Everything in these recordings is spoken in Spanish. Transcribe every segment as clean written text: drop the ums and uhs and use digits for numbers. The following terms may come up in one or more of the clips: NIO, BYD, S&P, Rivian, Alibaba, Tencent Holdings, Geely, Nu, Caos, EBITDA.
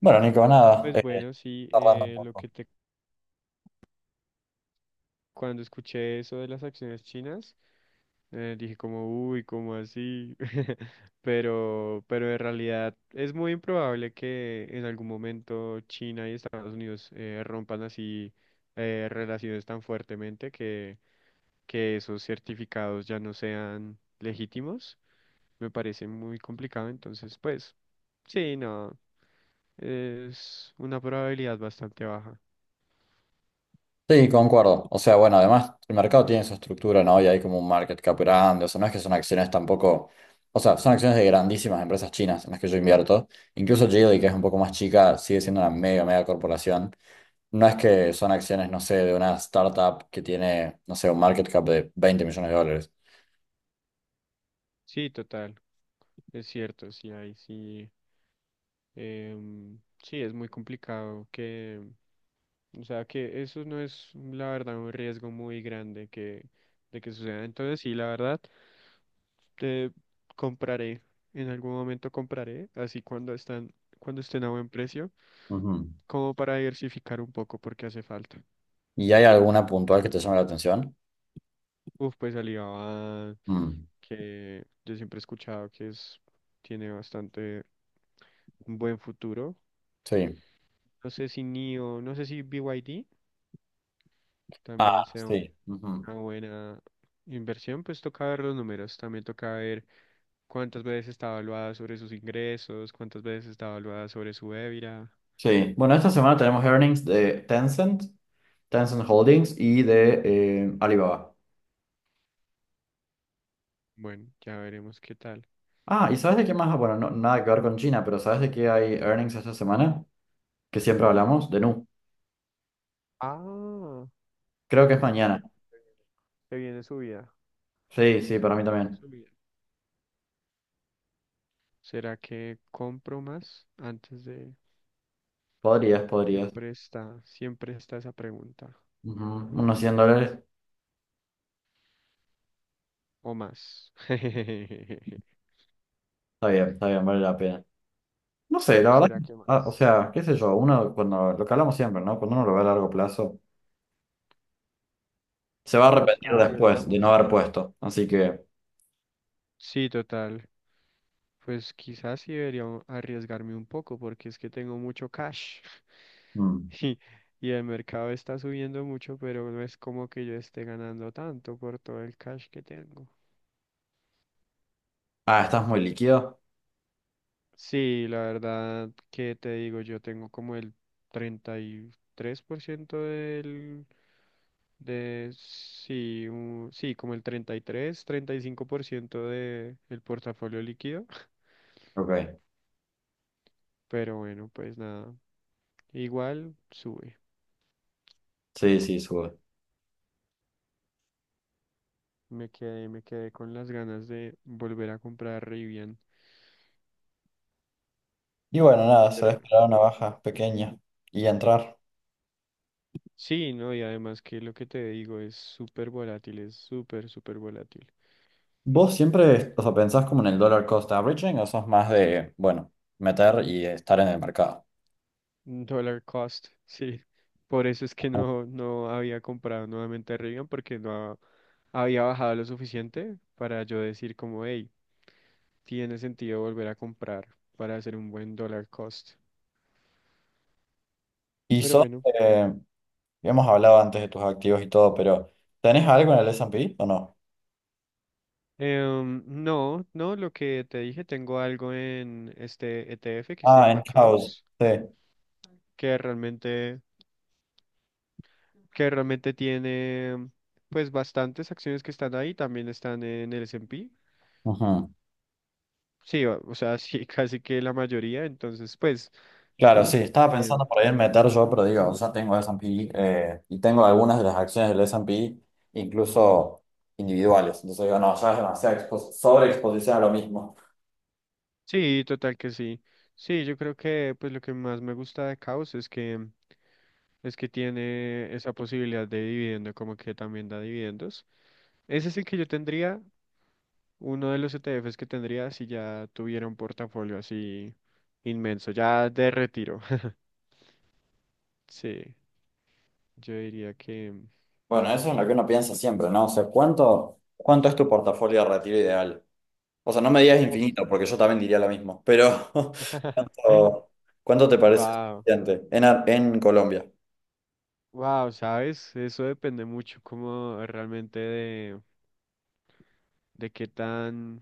Bueno, Nico, nada, Pues bueno, sí, cerrando un lo poco. que te, cuando escuché eso de las acciones chinas, dije como, uy, ¿cómo así? Pero en realidad es muy improbable que en algún momento China y Estados Unidos rompan así relaciones tan fuertemente que esos certificados ya no sean legítimos. Me parece muy complicado, entonces, pues, sí, no, es una probabilidad bastante baja. Sí, concuerdo. O sea, bueno, además el mercado tiene su estructura, ¿no? Y hay como un market cap grande. O sea, no es que son acciones tampoco. O sea, son acciones de grandísimas empresas chinas en las que yo invierto. Incluso Geely, que es un poco más chica, sigue siendo una mega, mega corporación. No es que son acciones, no sé, de una startup que tiene, no sé, un market cap de 20 millones de dólares. Sí, total, es cierto, sí, ahí sí. Sí, es muy complicado que, o sea, que eso no es, la verdad, un riesgo muy grande que, de que suceda. Entonces, sí, la verdad, te compraré, en algún momento compraré, así cuando están, cuando estén a buen precio, Ujú. como para diversificar un poco porque hace falta. ¿Y hay alguna puntual que te llame la atención? Uf, pues Alibaba, Mm, que yo siempre he escuchado que es, tiene bastante un buen futuro. sí. No sé si NIO, no sé si BYD también Ah, sea sí. Ujú. una buena inversión, pues toca ver los números, también toca ver cuántas veces está evaluada sobre sus ingresos, cuántas veces está evaluada sobre su EBITDA. Sí, bueno, esta semana tenemos earnings de Tencent, Tencent Holdings y de Alibaba. Bueno, ya veremos qué tal. Ah, ¿y sabes de qué más? Bueno, nada que ver con China, pero ¿sabes de qué hay earnings esta semana? Que siempre hablamos, de Nu. Ah, Creo que es uh, mañana. se viene subida. Sí, sí, Se para mí viene también. subida. ¿Será que compro más antes de... Podrías, podrías. Siempre está, esa pregunta. Ujú, unos 100 dólares. ¿O más? Está bien, vale la pena. No sé, ¿O la verdad, será que ah, o más? sea, qué sé yo, uno cuando, lo que hablamos siempre, ¿no? Cuando uno lo ve a largo plazo, se va a ¿Nos arrepentir después de no haber arriesgamos? puesto. Así que... Sí, total. Pues quizás sí debería arriesgarme un poco porque es que tengo mucho cash mm. y, y el mercado está subiendo mucho, pero no es como que yo esté ganando tanto por todo el cash que tengo. Ah, estás muy líquido. Sí, la verdad que te digo, yo tengo como el 33% del de, sí, sí, como el treinta y cinco por ciento de el portafolio líquido. Ok. Pero bueno, pues nada, igual sube. Sí, sí, sube. Me quedé con las ganas de volver a comprar Rivian. Y bueno, nada, Pero será bueno, esperar una nada. baja pequeña y entrar. Sí, no, y además que lo que te digo es súper volátil, es súper, súper volátil. ¿Vos siempre, o sea, pensás como en el dollar cost averaging o sos más de, bueno, meter y estar en el mercado? Dollar cost, sí. Por eso es que Ajá. no había comprado nuevamente Rivian porque no había bajado lo suficiente para yo decir como, hey, tiene sentido volver a comprar para hacer un buen dollar cost. Y Pero sos, bueno, eh, hemos hablado antes de tus activos y todo, pero ¿tenés algo en el S&P o no? No, lo que te dije, tengo algo en este ETF que se Ah, llama en house, Caos, sí. que realmente, que realmente tiene pues bastantes acciones que están ahí, también están en el S&P. Ujú. Sí, o sea, sí, casi que la mayoría, entonces pues Claro, sí, estaba em, pensando por ahí en meter yo, pero digo, ya tengo S&P y tengo algunas de las acciones del S&P, incluso individuales. Entonces digo, no, ya es demasiada sobreexposición a lo mismo. sí, total que sí. Sí, yo creo que pues lo que más me gusta de Caos es que es que tiene esa posibilidad de dividendo, como que también da dividendos. Ese es el que yo tendría, uno de los ETFs que tendría si ya tuviera un portafolio así inmenso, ya de retiro. Sí, yo diría que... Bueno, eso es lo que uno piensa siempre, ¿no? O sea, ¿cuánto, cuánto es tu portafolio de retiro ideal? O sea, no me digas Uf. infinito, porque yo también diría lo mismo, pero o, ¿cuánto te parece Wow, suficiente en, en Colombia? wow, ¿sabes? Eso depende mucho como realmente de qué tan,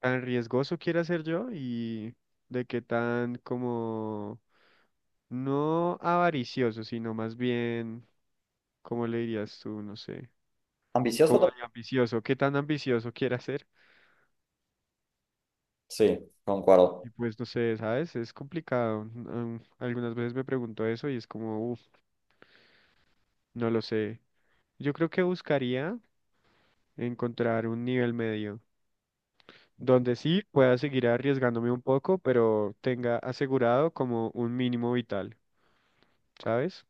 tan riesgoso quiera ser yo y de qué tan como no avaricioso, sino más bien ¿cómo le dirías tú? No sé. ¿Ambicioso? Como de También. ambicioso, ¿qué tan ambicioso quiere ser? Sí, concuerdo. Y pues no sé, ¿sabes? Es complicado. Mm, algunas veces me pregunto eso y es como, uff, no lo sé. Yo creo que buscaría encontrar un nivel medio, donde sí pueda seguir arriesgándome un poco, pero tenga asegurado como un mínimo vital, ¿sabes?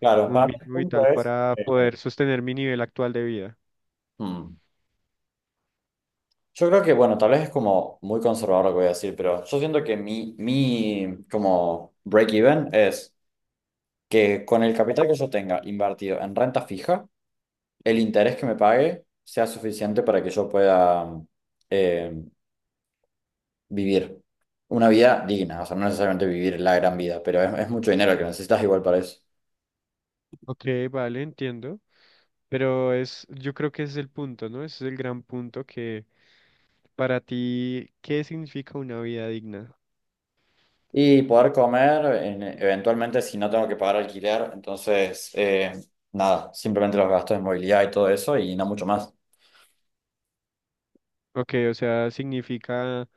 Claro, Un para mí el mínimo punto vital es... para poder sostener mi nivel actual de vida. hmm, yo creo que, bueno, tal vez es como muy conservador lo que voy a decir, pero yo siento que mi como break-even es que con el capital que yo tenga invertido en renta fija, el interés que me pague sea suficiente para que yo pueda eh, vivir una vida digna, o sea, no necesariamente vivir la gran vida, pero es mucho dinero el que necesitas igual para eso. Ok, vale, entiendo. Pero es, yo creo que ese es el punto, ¿no? Ese es el gran punto que para ti, ¿qué significa una vida digna? Y poder comer, eventualmente, si no tengo que pagar alquiler, entonces, nada, simplemente los gastos de movilidad y todo eso y no mucho más. Ok, o sea, significa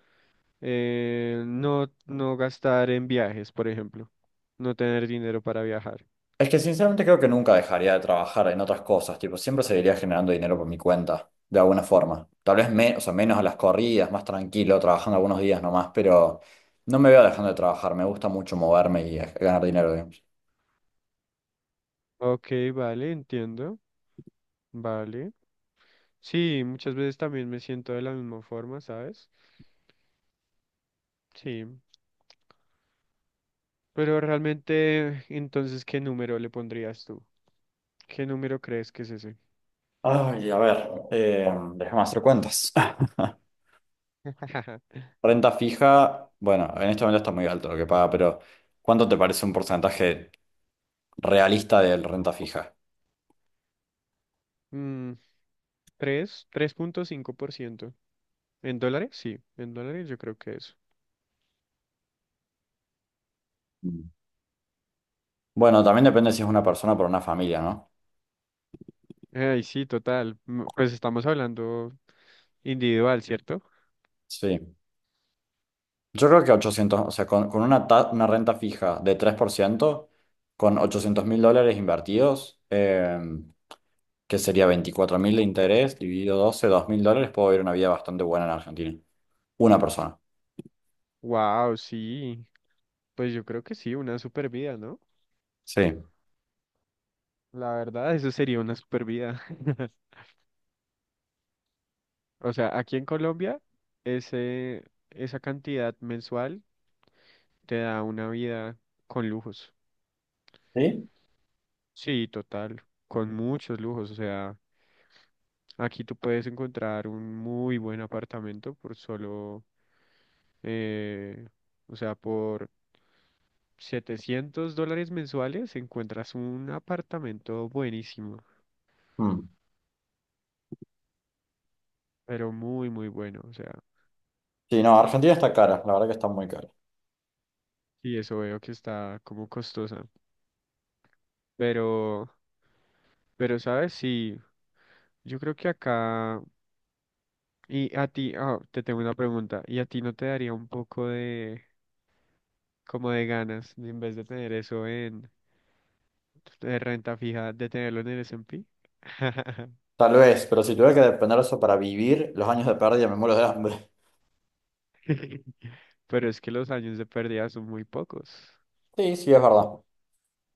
no gastar en viajes, por ejemplo, no tener dinero para viajar. Es que sinceramente creo que nunca dejaría de trabajar en otras cosas, tipo, siempre seguiría generando dinero por mi cuenta, de alguna forma. O sea, menos a las corridas, más tranquilo, trabajando algunos días nomás, pero no me veo dejando de trabajar, me gusta mucho moverme y ganar dinero, digamos. Ok, vale, entiendo, vale. Sí, muchas veces también me siento de la misma forma, ¿sabes? Sí, pero realmente, entonces, ¿qué número le pondrías tú? ¿Qué número crees que es ese? Ay, a ver, déjame hacer cuentas. Renta fija, bueno, en este momento está muy alto lo que paga, pero ¿cuánto te parece un porcentaje realista de renta fija? Mm, ¿tres? 3.5%, ¿en dólares? Sí, en dólares yo creo que es. Mm. Bueno, también depende si es una persona por una familia, ¿no? Ay, sí, total. Mm, pues estamos hablando individual, ¿cierto? Sí. Yo creo que ochocientos, o sea, con una, una renta fija de 3% con 800.000 dólares invertidos, que sería 24.000 de interés, dividido 12, 2.000 dólares, puedo vivir una vida bastante buena en Argentina. Una persona. Wow, sí. Pues yo creo que sí, una super vida, ¿no? Sí. La verdad, eso sería una super vida. O sea, aquí en Colombia, ese, esa cantidad mensual te da una vida con lujos. ¿Sí? Sí, total, con muchos lujos. O sea, aquí tú puedes encontrar un muy buen apartamento por solo, eh, o sea, por $700 mensuales encuentras un apartamento buenísimo, Mm. pero muy, muy bueno. O sea, Sí, no, Argentina está cara, la verdad que está muy cara. y eso veo que está como costosa. Pero, pero, ¿sabes? Sí, yo creo que acá... Y a ti, ah, te tengo una pregunta. ¿Y a ti no te daría un poco de, como de ganas, de, en vez de tener eso en de renta fija, de tenerlo en el S and P? Tal vez, pero si tuviera que depender de eso para vivir, los años de pérdida me muero de hambre. Pero es que los años de pérdida son muy pocos. Sí, sí, es verdad.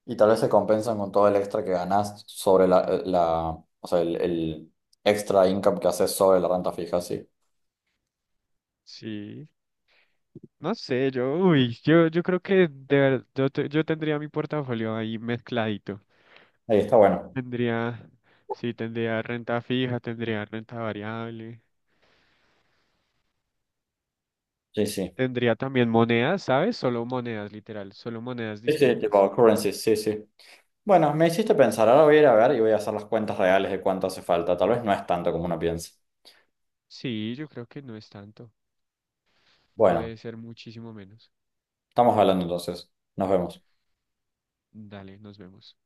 Y tal vez se compensan con todo el extra que ganas sobre o sea, el extra income que haces sobre la renta fija, sí. Sí, no sé, yo, uy, yo creo que de verdad, yo, yo tendría mi portafolio ahí mezcladito. Ahí está bueno. Tendría, sí, tendría renta fija, tendría renta variable. Sí, sí. Tendría también monedas, ¿sabes? Solo monedas, literal, solo monedas Sí, sí, distintas. tipo currencies, sí, sí. Bueno, me hiciste pensar, ahora voy a ir a ver y voy a hacer las cuentas reales de cuánto hace falta. Tal vez no es tanto como uno piensa. Sí, yo creo que no es tanto. Bueno, Puede ser muchísimo menos. estamos hablando entonces. Nos vemos. Dale, nos vemos.